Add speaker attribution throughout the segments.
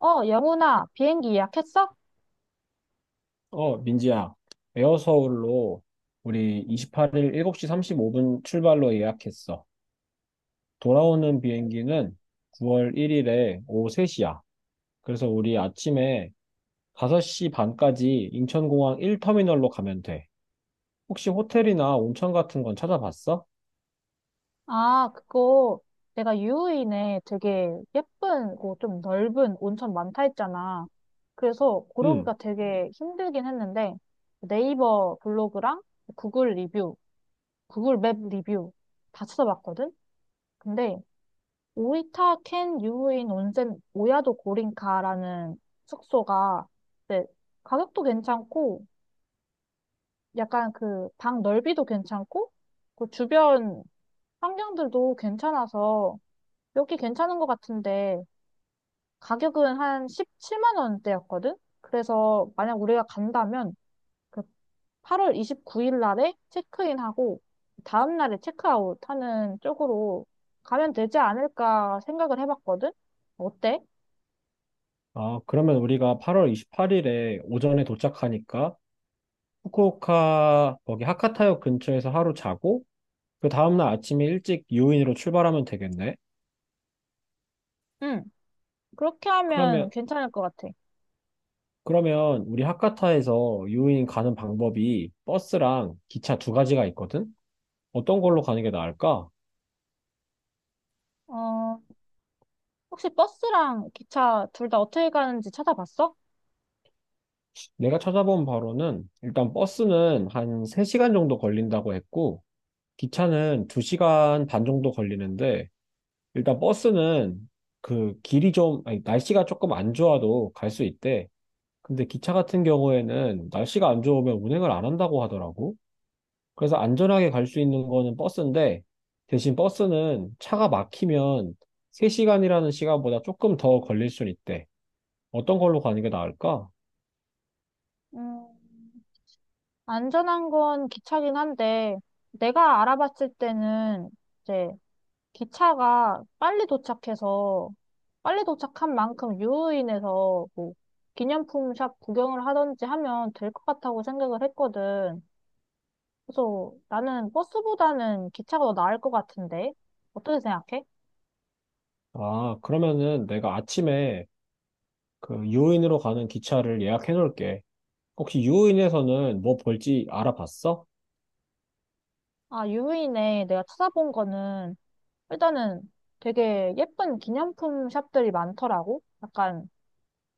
Speaker 1: 영훈아, 비행기 예약했어?
Speaker 2: 어, 민지야, 에어서울로 우리 28일 7시 35분 출발로 예약했어. 돌아오는 비행기는 9월 1일에 오후 3시야. 그래서 우리 아침에 5시 반까지 인천공항 1터미널로 가면 돼. 혹시 호텔이나 온천 같은 건 찾아봤어?
Speaker 1: 아, 그거 내가 유후인에 되게 예쁜, 고 좀 넓은 온천 많다 했잖아. 그래서
Speaker 2: 응.
Speaker 1: 고르기가 되게 힘들긴 했는데 네이버 블로그랑 구글 리뷰, 구글 맵 리뷰 다 찾아봤거든? 근데 오이타 켄 유후인 온센 오야도 고린카라는 숙소가 이제 가격도 괜찮고 약간 그 방 넓이도 괜찮고 그 주변 환경들도 괜찮아서 여기 괜찮은 것 같은데 가격은 한 17만 원대였거든? 그래서 만약 우리가 간다면 그 8월 29일 날에 체크인하고 다음 날에 체크아웃 하는 쪽으로 가면 되지 않을까 생각을 해봤거든? 어때?
Speaker 2: 아, 그러면 우리가 8월 28일에 오전에 도착하니까 후쿠오카 거기 하카타역 근처에서 하루 자고 그 다음날 아침에 일찍 유인으로 출발하면 되겠네.
Speaker 1: 응, 그렇게 하면
Speaker 2: 그러면
Speaker 1: 괜찮을 것 같아.
Speaker 2: 그러면 우리 하카타에서 유인 가는 방법이 버스랑 기차 두 가지가 있거든? 어떤 걸로 가는 게 나을까?
Speaker 1: 어, 혹시 버스랑 기차 둘 다 어떻게 가는지 찾아봤어?
Speaker 2: 내가 찾아본 바로는 일단 버스는 한 3시간 정도 걸린다고 했고, 기차는 2시간 반 정도 걸리는데, 일단 버스는 그 길이 좀, 아니, 날씨가 조금 안 좋아도 갈 수 있대. 근데 기차 같은 경우에는 날씨가 안 좋으면 운행을 안 한다고 하더라고. 그래서 안전하게 갈 수 있는 거는 버스인데, 대신 버스는 차가 막히면 3시간이라는 시간보다 조금 더 걸릴 수 있대. 어떤 걸로 가는 게 나을까?
Speaker 1: 음, 안전한 건 기차긴 한데, 내가 알아봤을 때는 이제 기차가 빨리 도착해서, 빨리 도착한 만큼 유후인해서 뭐 기념품 샵 구경을 하던지 하면 될 것 같다고 생각을 했거든. 그래서 나는 버스보다는 기차가 더 나을 것 같은데, 어떻게 생각해?
Speaker 2: 아, 그러면은 내가 아침에 그 유인으로 가는 기차를 예약해 놓을게. 혹시 유인에서는 뭐 볼지 알아봤어?
Speaker 1: 아, 유후인에 내가 찾아본 거는 일단은 되게 예쁜 기념품 샵들이 많더라고. 약간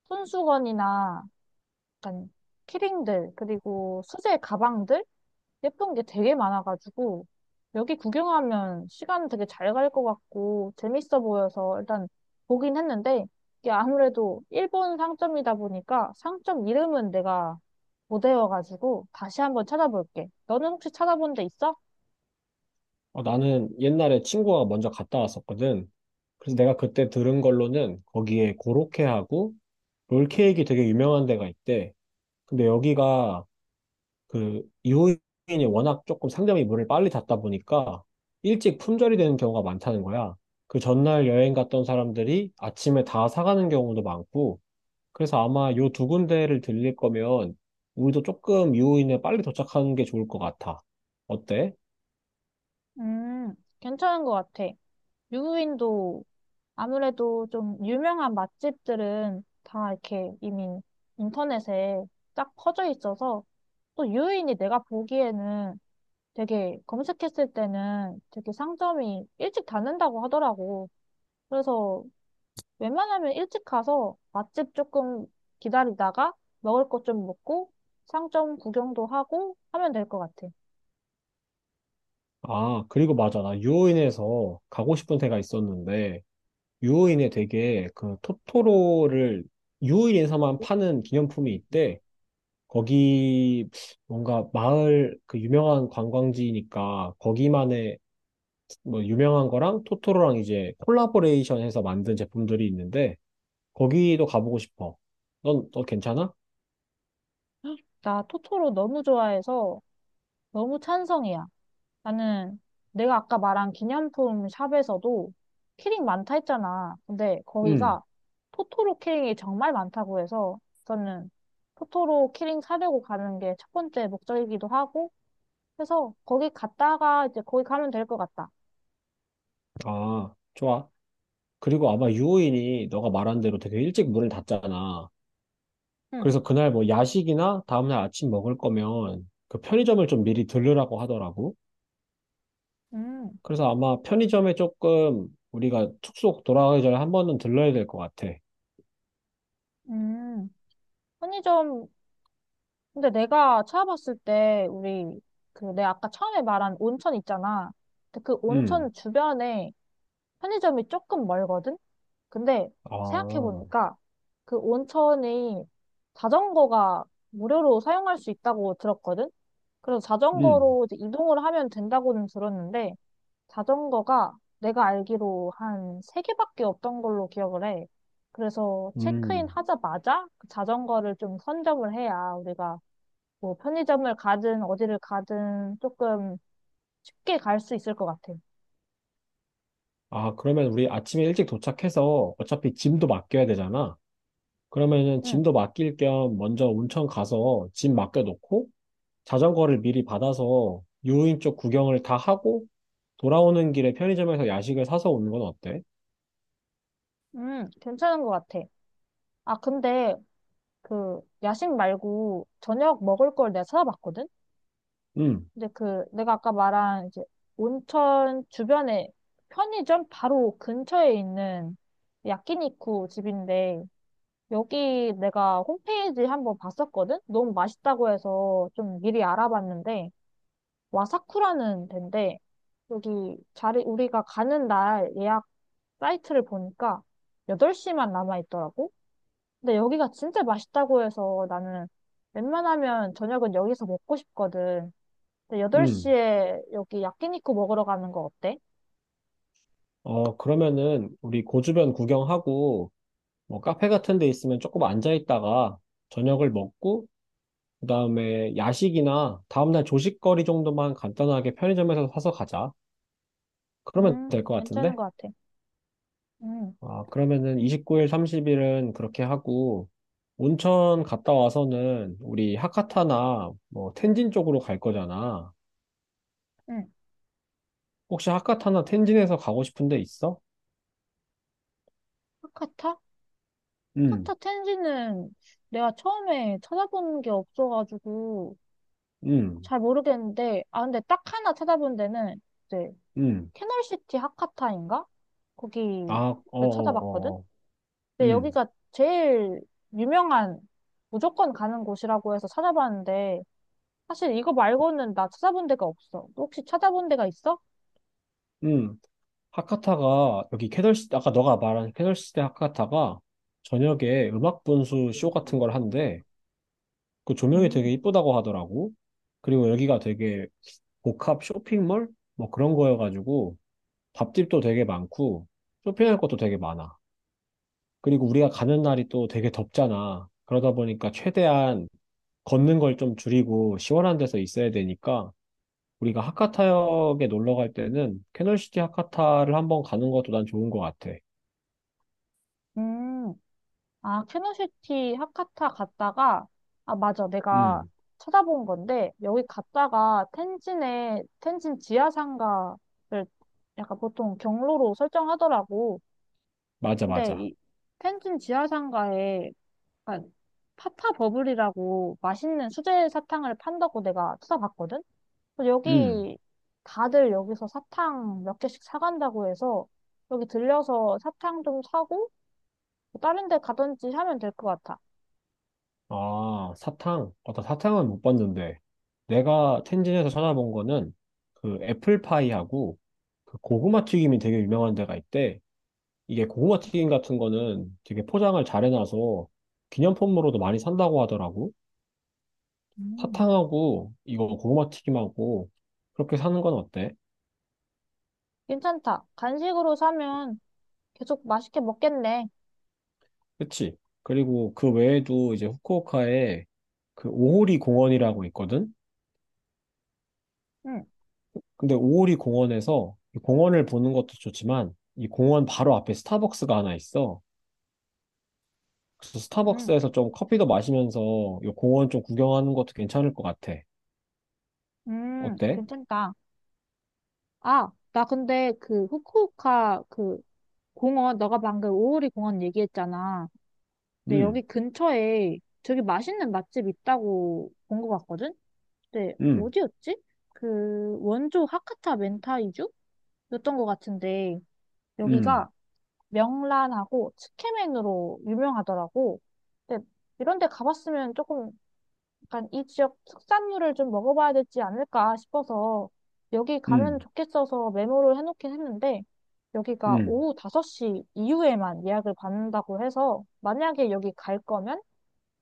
Speaker 1: 손수건이나 약간 키링들, 그리고 수제 가방들? 예쁜 게 되게 많아가지고, 여기 구경하면 시간 되게 잘 갈 것 같고, 재밌어 보여서 일단 보긴 했는데, 이게 아무래도 일본 상점이다 보니까 상점 이름은 내가 못 외워가지고 다시 한번 찾아볼게. 너는 혹시 찾아본 데 있어?
Speaker 2: 어, 나는 옛날에 친구가 먼저 갔다 왔었거든. 그래서 내가 그때 들은 걸로는 거기에 고로케하고 롤케이크 되게 유명한 데가 있대. 근데 여기가 그 이호인이 워낙 조금 상점이 물을 빨리 닫다 보니까 일찍 품절이 되는 경우가 많다는 거야. 그 전날 여행 갔던 사람들이 아침에 다 사가는 경우도 많고, 그래서 아마 요 두 군데를 들릴 거면 우리도 조금 유호인에 빨리 도착하는 게 좋을 것 같아. 어때?
Speaker 1: 괜찮은 것 같아. 유후인도 아무래도 좀 유명한 맛집들은 다 이렇게 이미 인터넷에 쫙 퍼져 있어서 또 유인이 내가 보기에는 되게 검색했을 때는 되게 상점이 일찍 닫는다고 하더라고. 그래서 웬만하면 일찍 가서 맛집 조금 기다리다가 먹을 것 좀 먹고 상점 구경도 하고 하면 될 것 같아.
Speaker 2: 아, 그리고 맞아. 나 유호인에서 가고 싶은 데가 있었는데, 유호인에 되게 그 토토로를 유호인에서만 파는 기념품이 있대. 거기 뭔가 마을 그 유명한 관광지니까 거기만의 뭐 유명한 거랑 토토로랑 이제 콜라보레이션 해서 만든 제품들이 있는데 거기도 가보고 싶어. 너 괜찮아?
Speaker 1: 나 토토로 너무 좋아해서 너무 찬성이야. 나는 내가 아까 말한 기념품 샵에서도 키링 많다 했잖아. 근데
Speaker 2: 응.
Speaker 1: 거기가 토토로 키링이 정말 많다고 해서 저는 토토로 키링 사려고 가는 게 첫 번째 목적이기도 하고 그래서 거기 갔다가 이제 거기 가면 될 것 같다.
Speaker 2: 아, 좋아. 그리고 아마 유호인이 너가 말한 대로 되게 일찍 문을 닫잖아.
Speaker 1: 응.
Speaker 2: 그래서 그날 뭐 야식이나 다음날 아침 먹을 거면 그 편의점을 좀 미리 들르라고 하더라고.
Speaker 1: 음.
Speaker 2: 그래서 아마 편의점에 조금 우리가 숙소 돌아가기 전에 한 번은 들러야 될 것 같아.
Speaker 1: 음. 편의점 근데 내가 찾아봤을 때 우리 그 내가 아까 처음에 말한 온천 있잖아. 근데 그
Speaker 2: 음.
Speaker 1: 온천 주변에 편의점이 조금 멀거든. 근데
Speaker 2: 아,
Speaker 1: 생각해보니까 그 온천이 자전거가 무료로 사용할 수 있다고 들었거든? 그래서
Speaker 2: 음,
Speaker 1: 자전거로 이제 이동을 하면 된다고는 들었는데 자전거가 내가 알기로 한 세개밖에 없던 걸로 기억을 해. 그래서 체크인
Speaker 2: 음.
Speaker 1: 하자마자 그 자전거를 좀 선점을 해야 우리가 뭐 편의점을 가든 어디를 가든 조금 쉽게 갈 수 있을 것 같아.
Speaker 2: 아, 그러면 우리 아침에 일찍 도착해서 어차피 짐도 맡겨야 되잖아. 그러면은
Speaker 1: 응,
Speaker 2: 짐도 맡길 겸 먼저 온천 가서 짐 맡겨놓고 자전거를 미리 받아서 유인 쪽 구경을 다 하고 돌아오는 길에 편의점에서 야식을 사서 오는 건 어때?
Speaker 1: 응, 괜찮은 것 같아. 아, 근데 그 야식 말고 저녁 먹을 걸 내가 찾아봤거든?
Speaker 2: 음,
Speaker 1: 근데 그 내가 아까 말한 이제 온천 주변에 편의점 바로 근처에 있는 야끼니쿠 집인데 여기 내가 홈페이지 한번 봤었거든? 너무 맛있다고 해서 좀 미리 알아봤는데 와사쿠라는 데인데 여기 자리 우리가 가는 날 예약 사이트를 보니까 8시만 남아 있더라고. 근데 여기가 진짜 맛있다고 해서 나는 웬만하면 저녁은 여기서 먹고 싶거든. 근데
Speaker 2: 음.
Speaker 1: 8시에 여기 야끼니쿠 먹으러 가는 거 어때?
Speaker 2: 어, 그러면은 우리 고주변 구경하고 뭐 카페 같은 데 있으면 조금 앉아 있다가 저녁을 먹고 그다음에 야식이나 다음날 조식거리 정도만 간단하게 편의점에서 사서 가자. 그러면 될 것
Speaker 1: 괜찮은
Speaker 2: 같은데?
Speaker 1: 것 같아. 음,
Speaker 2: 아, 그러면은 29일, 30일은 그렇게 하고 온천 갔다 와서는 우리 하카타나 뭐 텐진 쪽으로 갈 거잖아.
Speaker 1: 음.
Speaker 2: 혹시 하카타나 텐진에서 가고 싶은 데 있어?
Speaker 1: 하카타?
Speaker 2: 응.
Speaker 1: 하카타 텐지는 내가 처음에 찾아본 게 없어가지고
Speaker 2: 응.
Speaker 1: 잘 모르겠는데, 아, 근데 딱 하나 찾아본 데는 이제
Speaker 2: 응.
Speaker 1: 캐널시티 하카타인가? 거기
Speaker 2: 아, 어, 어,
Speaker 1: 찾아봤거든?
Speaker 2: 어. 어.
Speaker 1: 근데
Speaker 2: 응
Speaker 1: 여기가 제일 유명한 무조건 가는 곳이라고 해서 찾아봤는데 사실 이거 말고는 나 찾아본 데가 없어. 혹시 찾아본 데가 있어?
Speaker 2: 응 하카타가 여기 캐널시 아까 너가 말한 캐널시대 하카타가 저녁에 음악 분수 쇼 같은 걸 한대. 그 조명이
Speaker 1: 음.
Speaker 2: 되게 이쁘다고 하더라고. 그리고 여기가 되게 복합 쇼핑몰? 뭐 그런 거여가지고 밥집도 되게 많고 쇼핑할 것도 되게 많아. 그리고 우리가 가는 날이 또 되게 덥잖아. 그러다 보니까 최대한 걷는 걸 좀 줄이고 시원한 데서 있어야 되니까 우리가 하카타역에 놀러 갈 때는 캐널시티 하카타를 한번 가는 것도 난 좋은 것 같아.
Speaker 1: 음, 아, 캐노시티 하카타 갔다가, 아, 맞아. 내가
Speaker 2: 음,
Speaker 1: 찾아본 건데, 여기 갔다가 텐진에, 텐진 지하상가를 약간 보통 경로로 설정하더라고.
Speaker 2: 맞아,
Speaker 1: 근데
Speaker 2: 맞아.
Speaker 1: 이 텐진 지하상가에 아, 파파 버블이라고 맛있는 수제 사탕을 판다고 내가 찾아봤거든? 그래서
Speaker 2: 음.
Speaker 1: 여기 다들 여기서 사탕 몇 개씩 사간다고 해서 여기 들려서 사탕 좀 사고 뭐 다른 데 가든지 하면 될 것 같아.
Speaker 2: 아, 사탕. 어, 나 사탕은 못 봤는데. 내가 텐진에서 찾아본 거는 그 애플파이하고 그 고구마 튀김이 되게 유명한 데가 있대. 이게 고구마 튀김 같은 거는 되게 포장을 잘 해놔서 기념품으로도 많이 산다고 하더라고.
Speaker 1: 음.
Speaker 2: 사탕하고 이거 고구마 튀김하고 그렇게 사는 건 어때?
Speaker 1: 괜찮다. 간식으로 사면 계속 맛있게 먹겠네.
Speaker 2: 그치? 그리고 그 외에도 이제 후쿠오카에 그 오호리 공원이라고 있거든?
Speaker 1: 응,
Speaker 2: 근데 오오리 공원에서 이 공원을 보는 것도 좋지만 이 공원 바로 앞에 스타벅스가 하나 있어. 그래서
Speaker 1: 응,
Speaker 2: 스타벅스에서 좀 커피도 마시면서 이 공원 좀 구경하는 것도 괜찮을 것 같아.
Speaker 1: 응,
Speaker 2: 어때?
Speaker 1: 괜찮다. 아, 나 근데 그 후쿠오카 그 공원, 너가 방금 오오리 공원 얘기했잖아. 근데
Speaker 2: 음,
Speaker 1: 여기 근처에 되게 맛있는 맛집 있다고 본 것 같거든? 근데
Speaker 2: 음,
Speaker 1: 어디였지? 그 원조 하카타 멘타이주였던 것 같은데
Speaker 2: 음,
Speaker 1: 여기가 명란하고 츠케멘으로 유명하더라고. 근데 이런 데 가봤으면 조금 약간 이 지역 특산물을 좀 먹어봐야 되지 않을까 싶어서 여기 가면
Speaker 2: 음,
Speaker 1: 좋겠어서 메모를 해놓긴 했는데 여기가
Speaker 2: 음.
Speaker 1: 오후 5시 이후에만 예약을 받는다고 해서 만약에 여기 갈 거면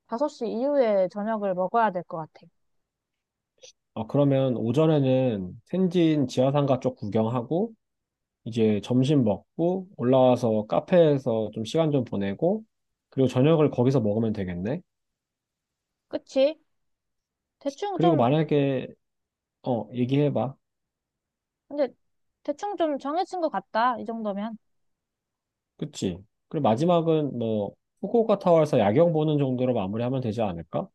Speaker 1: 5시 이후에 저녁을 먹어야 될 것 같아.
Speaker 2: 아, 그러면 오전에는 텐진 지하상가 쪽 구경하고 이제 점심 먹고 올라와서 카페에서 좀 시간 좀 보내고 그리고 저녁을 거기서 먹으면 되겠네.
Speaker 1: 그치? 대충
Speaker 2: 그리고
Speaker 1: 좀,
Speaker 2: 만약에 어, 얘기해봐.
Speaker 1: 근데 대충 좀 정해진 것 같다. 이 정도면.
Speaker 2: 그치. 그리고 마지막은 뭐, 후쿠오카 타워에서 야경 보는 정도로 마무리하면 되지 않을까?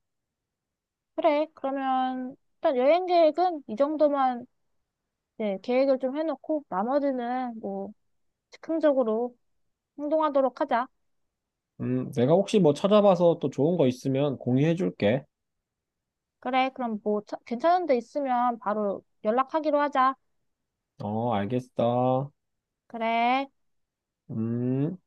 Speaker 1: 그래. 그러면 일단 여행 계획은 이 정도만 네, 계획을 좀 해놓고 나머지는 뭐 즉흥적으로 행동하도록 하자.
Speaker 2: 내가 혹시 뭐 찾아봐서 또 좋은 거 있으면 공유해줄게.
Speaker 1: 그래. 그럼 뭐 차- 괜찮은 데 있으면 바로 연락하기로 하자.
Speaker 2: 어, 알겠어.
Speaker 1: 그래.
Speaker 2: 음.